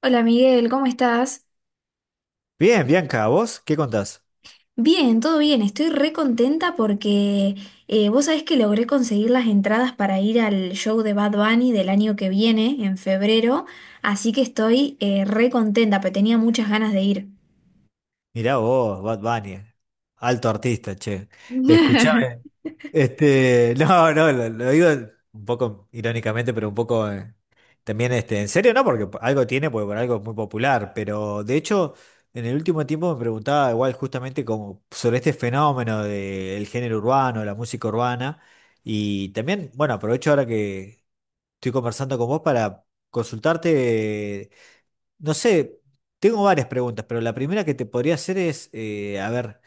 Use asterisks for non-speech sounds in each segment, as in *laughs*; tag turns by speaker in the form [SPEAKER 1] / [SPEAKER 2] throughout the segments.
[SPEAKER 1] Hola Miguel, ¿cómo estás?
[SPEAKER 2] Bien, Bianca, ¿vos qué contás?
[SPEAKER 1] Bien, todo bien, estoy re contenta porque vos sabés que logré conseguir las entradas para ir al show de Bad Bunny del año que viene, en febrero, así que estoy re contenta, pero tenía muchas ganas de ir.
[SPEAKER 2] Mirá vos, Bad Bunny, alto artista, che.
[SPEAKER 1] *laughs*
[SPEAKER 2] Escuchame, *laughs* no, no, lo digo un poco irónicamente, pero un poco también este, en serio, ¿no? Porque algo tiene, porque por algo es muy popular, pero de hecho, en el último tiempo me preguntaba igual justamente como sobre este fenómeno del género urbano, la música urbana, y también, bueno, aprovecho ahora que estoy conversando con vos para consultarte. No sé, tengo varias preguntas, pero la primera que te podría hacer es, a ver,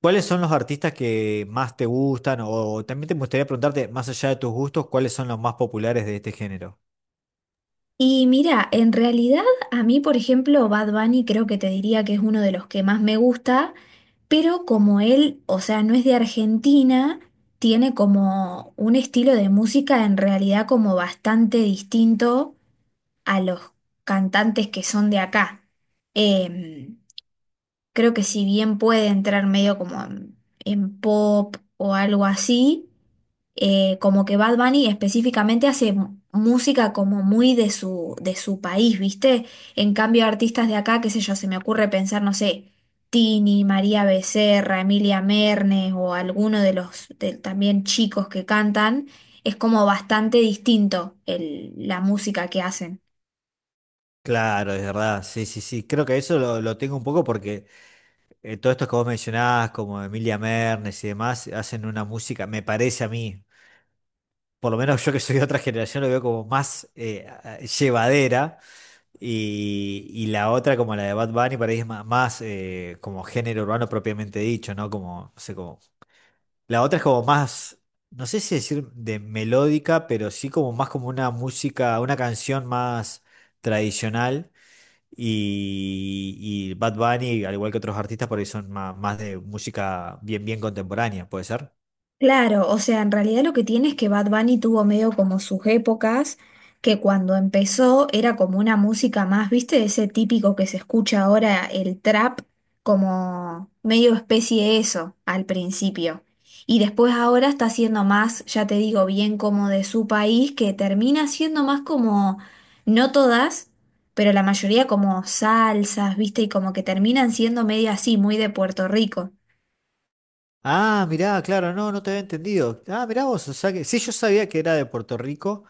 [SPEAKER 2] ¿cuáles son los artistas que más te gustan? O, también te gustaría preguntarte, más allá de tus gustos, ¿cuáles son los más populares de este género?
[SPEAKER 1] Y mira, en realidad a mí, por ejemplo, Bad Bunny creo que te diría que es uno de los que más me gusta, pero como él, o sea, no es de Argentina, tiene como un estilo de música en realidad como bastante distinto a los cantantes que son de acá. Em, Creo que si bien puede entrar medio como en pop o algo así, como que Bad Bunny específicamente hace música como muy de su país, ¿viste? En cambio, artistas de acá, qué sé yo, se me ocurre pensar, no sé, Tini, María Becerra, Emilia Mernes o alguno de los también chicos que cantan, es como bastante distinto la música que hacen.
[SPEAKER 2] Claro, es verdad, sí, sí, sí, creo que eso lo tengo un poco porque todos estos que vos mencionás, como Emilia Mernes y demás, hacen una música, me parece a mí, por lo menos yo que soy de otra generación, lo veo como más llevadera. Y la otra, como la de Bad Bunny, para mí es más, como género urbano propiamente dicho, ¿no? Como, no sé, como. La otra es como más, no sé si decir de melódica, pero sí como más como una música, una canción más tradicional. Y, y Bad Bunny, al igual que otros artistas, por ahí son más, más de música bien, bien contemporánea, ¿puede ser?
[SPEAKER 1] Claro, o sea, en realidad lo que tiene es que Bad Bunny tuvo medio como sus épocas, que cuando empezó era como una música más, ¿viste? Ese típico que se escucha ahora, el trap, como medio especie de eso al principio. Y después ahora está siendo más, ya te digo, bien como de su país, que termina siendo más como, no todas, pero la mayoría como salsas, ¿viste? Y como que terminan siendo medio así, muy de Puerto Rico.
[SPEAKER 2] Ah, mirá, claro, no, no te había entendido. Ah, mirá vos, o sea que sí, yo sabía que era de Puerto Rico.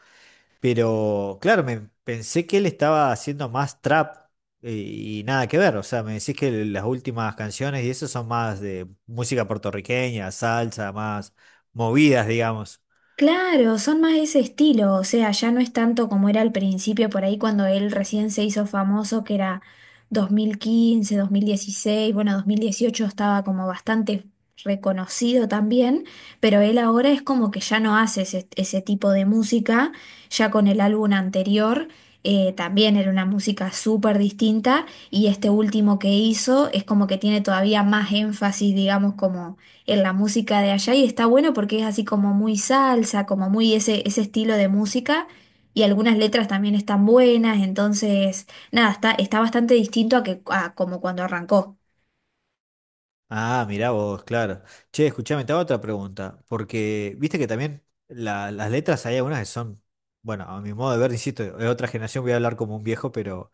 [SPEAKER 2] Pero claro, me pensé que él estaba haciendo más trap y nada que ver. O sea, me decís que las últimas canciones y eso son más de música puertorriqueña, salsa, más movidas, digamos.
[SPEAKER 1] Claro, son más de ese estilo, o sea, ya no es tanto como era al principio, por ahí cuando él recién se hizo famoso, que era 2015, 2016, bueno, 2018 estaba como bastante reconocido también, pero él ahora es como que ya no hace ese tipo de música, ya con el álbum anterior también era una música súper distinta y este último que hizo es como que tiene todavía más énfasis, digamos, como en la música de allá y está bueno porque es así como muy salsa, como muy ese estilo de música y algunas letras también están buenas, entonces nada, está, está bastante distinto a, que, a como cuando arrancó.
[SPEAKER 2] Ah, mirá vos, claro. Che, escuchame, te hago otra pregunta. Porque viste que también las letras hay algunas que son, bueno, a mi modo de ver, insisto, de otra generación voy a hablar como un viejo, pero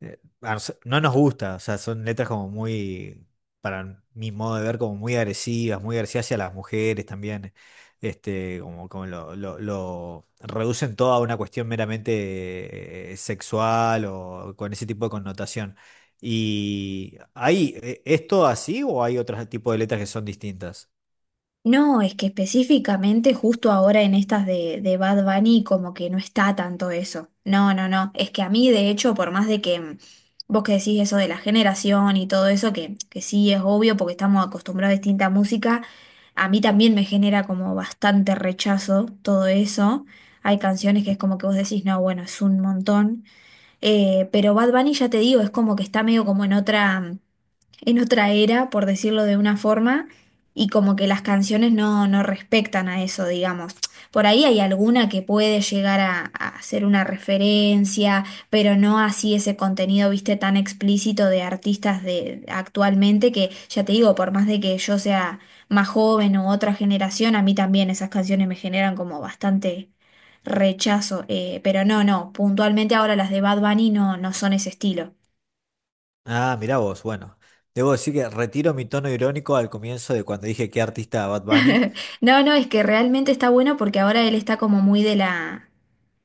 [SPEAKER 2] a no nos gusta, o sea, son letras como muy, para mi modo de ver, como muy agresivas hacia las mujeres también, este, como, como lo, lo reducen todo a una cuestión meramente sexual o con ese tipo de connotación. ¿Y hay, es todo así o hay otros tipos de letras que son distintas?
[SPEAKER 1] No, es que específicamente justo ahora en estas de Bad Bunny como que no está tanto eso. No, no, no. Es que a mí de hecho, por más de que vos que decís eso de la generación y todo eso, que sí es obvio porque estamos acostumbrados a distinta música, a mí también me genera como bastante rechazo todo eso. Hay canciones que es como que vos decís, no, bueno, es un montón. Pero Bad Bunny ya te digo, es como que está medio como en otra era, por decirlo de una forma, y como que las canciones no, no respectan a eso, digamos. Por ahí hay alguna que puede llegar a ser una referencia, pero no así ese contenido, viste, tan explícito de artistas de actualmente que, ya te digo, por más de que yo sea más joven u otra generación, a mí también esas canciones me generan como bastante rechazo. Pero no, no, puntualmente ahora las de Bad Bunny no, no son ese estilo.
[SPEAKER 2] Ah, mirá vos, bueno. Debo decir que retiro mi tono irónico al comienzo de cuando dije qué artista Bad Bunny.
[SPEAKER 1] *laughs* No, no, es que realmente está bueno porque ahora él está como muy de la,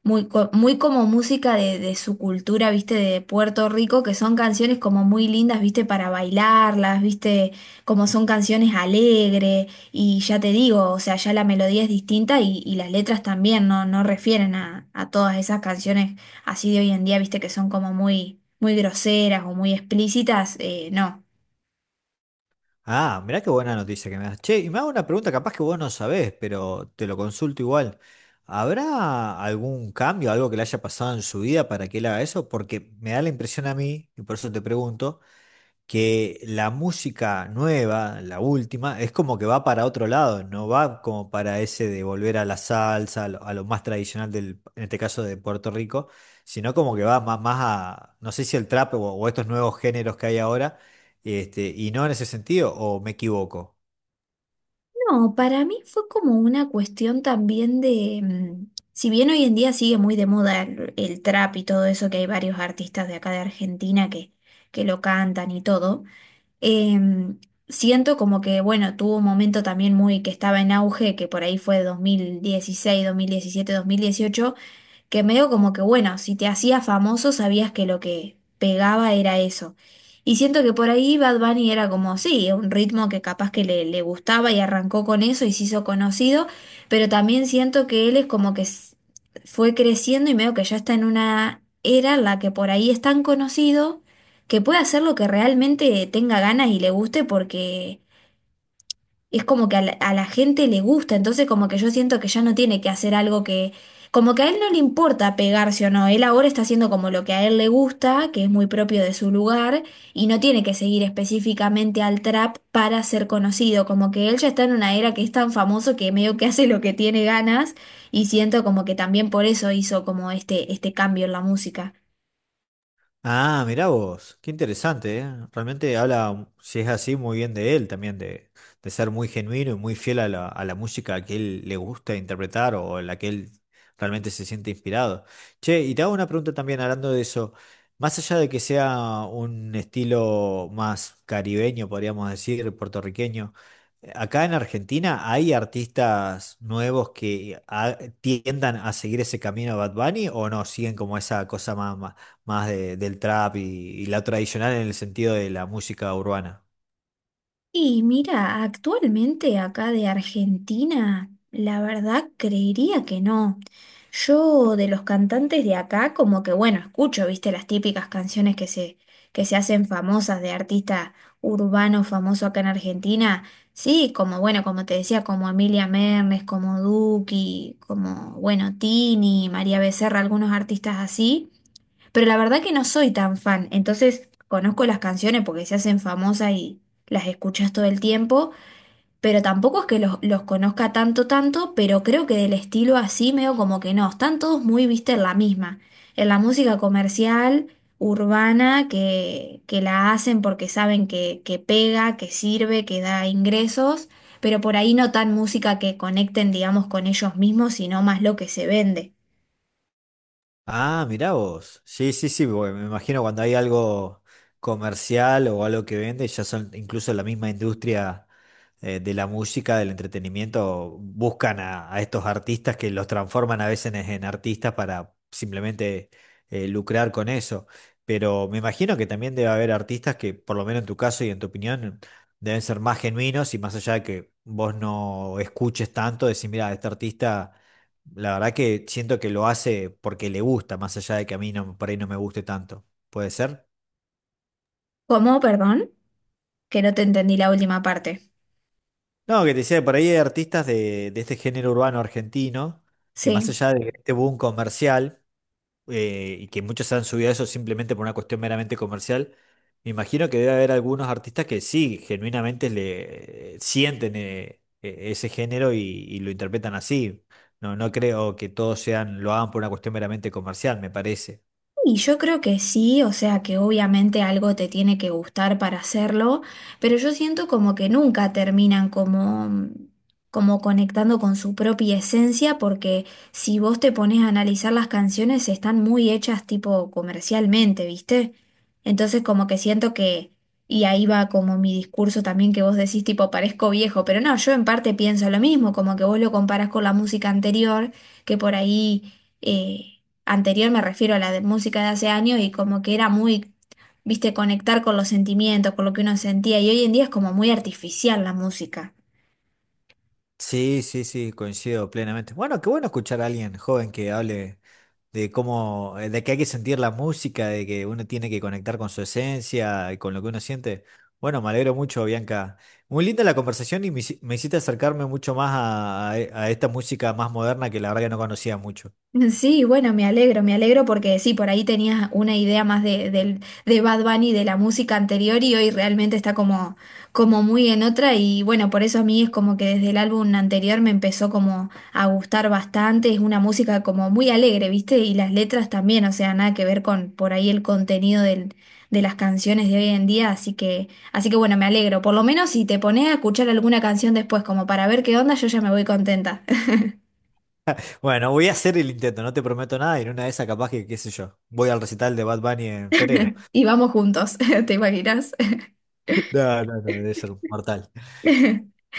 [SPEAKER 1] muy, muy como música de su cultura, viste, de Puerto Rico, que son canciones como muy lindas, viste, para bailarlas, viste, como son canciones alegres, y ya te digo, o sea, ya la melodía es distinta y las letras también, no, no refieren a todas esas canciones así de hoy en día, viste, que son como muy, muy groseras o muy explícitas, no.
[SPEAKER 2] Ah, mirá qué buena noticia que me das. Che, y me hago una pregunta, capaz que vos no sabés, pero te lo consulto igual. ¿Habrá algún cambio, algo que le haya pasado en su vida para que él haga eso? Porque me da la impresión a mí, y por eso te pregunto, que la música nueva, la última, es como que va para otro lado, no va como para ese de volver a la salsa, a lo más tradicional del, en este caso de Puerto Rico, sino como que va más, más a, no sé si el trap o estos nuevos géneros que hay ahora, este, y no en ese sentido, o me equivoco.
[SPEAKER 1] No, para mí fue como una cuestión también de, si bien hoy en día sigue muy de moda el trap y todo eso, que hay varios artistas de acá de Argentina que lo cantan y todo, em, siento como que, bueno, tuvo un momento también muy que estaba en auge, que por ahí fue 2016 2017 2018 que medio como que, bueno, si te hacías famoso sabías que lo que pegaba era eso. Y siento que por ahí Bad Bunny era como, sí, un ritmo que capaz que le gustaba y arrancó con eso y se hizo conocido, pero también siento que él es como que fue creciendo y medio que ya está en una era en la que por ahí es tan conocido que puede hacer lo que realmente tenga ganas y le guste porque es como que a la gente le gusta, entonces como que yo siento que ya no tiene que hacer algo que, como que a él no le importa pegarse o no, él ahora está haciendo como lo que a él le gusta, que es muy propio de su lugar, y no tiene que seguir específicamente al trap para ser conocido, como que él ya está en una era que es tan famoso que medio que hace lo que tiene ganas, y siento como que también por eso hizo como este cambio en la música.
[SPEAKER 2] Ah, mirá vos, qué interesante, ¿eh? Realmente habla, si es así, muy bien de él también, de ser muy genuino y muy fiel a la música que él le gusta interpretar o en la que él realmente se siente inspirado. Che, y te hago una pregunta también hablando de eso, más allá de que sea un estilo más caribeño, podríamos decir, puertorriqueño. Acá en Argentina hay artistas nuevos que tiendan a seguir ese camino de Bad Bunny o no, siguen como esa cosa más, más, más del trap y la tradicional en el sentido de la música urbana.
[SPEAKER 1] Y mira, actualmente acá de Argentina, la verdad creería que no. Yo de los cantantes de acá, como que bueno, escucho, viste, las típicas canciones que se hacen famosas de artista urbano famoso acá en Argentina. Sí, como bueno, como te decía, como Emilia Mernes, como Duki, como bueno, Tini, María Becerra, algunos artistas así. Pero la verdad que no soy tan fan, entonces conozco las canciones porque se hacen famosas y las escuchas todo el tiempo, pero tampoco es que los conozca tanto, tanto, pero creo que del estilo así medio como que no, están todos muy, viste, en la misma, en la música comercial, urbana, que la hacen porque saben que pega, que sirve, que da ingresos, pero por ahí no tan música que conecten, digamos, con ellos mismos, sino más lo que se vende.
[SPEAKER 2] Ah, mirá vos. Sí, sí, sí, porque me imagino cuando hay algo comercial o algo que vende, ya son incluso la misma industria de la música, del entretenimiento, buscan a estos artistas que los transforman a veces en artistas para simplemente lucrar con eso. Pero me imagino que también debe haber artistas que, por lo menos en tu caso y en tu opinión, deben ser más genuinos y más allá de que vos no escuches tanto, decir, mira, este artista, la verdad que siento que lo hace porque le gusta, más allá de que a mí no, por ahí no me guste tanto. ¿Puede ser?
[SPEAKER 1] ¿Cómo? Perdón, que no te entendí la última parte.
[SPEAKER 2] No, que te decía, que por ahí hay artistas de este género urbano argentino, que
[SPEAKER 1] Sí,
[SPEAKER 2] más allá de este boom comercial, y que muchos se han subido a eso simplemente por una cuestión meramente comercial, me imagino que debe haber algunos artistas que sí, genuinamente le sienten ese género y lo interpretan así. No, no creo que todos sean, lo hagan por una cuestión meramente comercial, me parece.
[SPEAKER 1] y yo creo que sí, o sea que obviamente algo te tiene que gustar para hacerlo, pero yo siento como que nunca terminan como, como conectando con su propia esencia, porque si vos te pones a analizar las canciones están muy hechas tipo comercialmente, ¿viste? Entonces como que siento que, y ahí va como mi discurso también que vos decís tipo parezco viejo, pero no, yo en parte pienso lo mismo, como que vos lo comparás con la música anterior, que eh, anterior, me refiero a la de música de hace años, y como que era muy, viste, conectar con los sentimientos, con lo que uno sentía, y hoy en día es como muy artificial la música.
[SPEAKER 2] Sí, sí, sí, coincido plenamente. Bueno, qué bueno escuchar a alguien joven que hable de cómo, de que hay que sentir la música, de que uno tiene que conectar con su esencia y con lo que uno siente. Bueno, me alegro mucho, Bianca. Muy linda la conversación y me, me hiciste acercarme mucho más a, a esta música más moderna que la verdad que no conocía mucho.
[SPEAKER 1] Sí, bueno, me alegro porque sí, por ahí tenías una idea más de, de Bad Bunny, de la música anterior y hoy realmente está como, como muy en otra y bueno, por eso a mí es como que desde el álbum anterior me empezó como a gustar bastante, es una música como muy alegre, ¿viste? Y las letras también, o sea, nada que ver con por ahí el contenido de las canciones de hoy en día, así que bueno, me alegro, por lo menos si te pones a escuchar alguna canción después como para ver qué onda, yo ya me voy contenta *laughs*
[SPEAKER 2] Bueno, voy a hacer el intento, no te prometo nada, y en una de esas capaz que, qué sé yo, voy al recital de Bad Bunny en febrero.
[SPEAKER 1] y vamos juntos, *laughs* ¿te imaginas?
[SPEAKER 2] *laughs* No, no, no, debe ser mortal.
[SPEAKER 1] *laughs*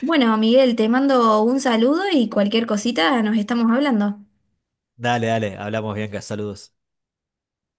[SPEAKER 1] Bueno, Miguel, te mando un saludo y cualquier cosita nos estamos hablando.
[SPEAKER 2] Dale, dale, hablamos, Bianca, saludos.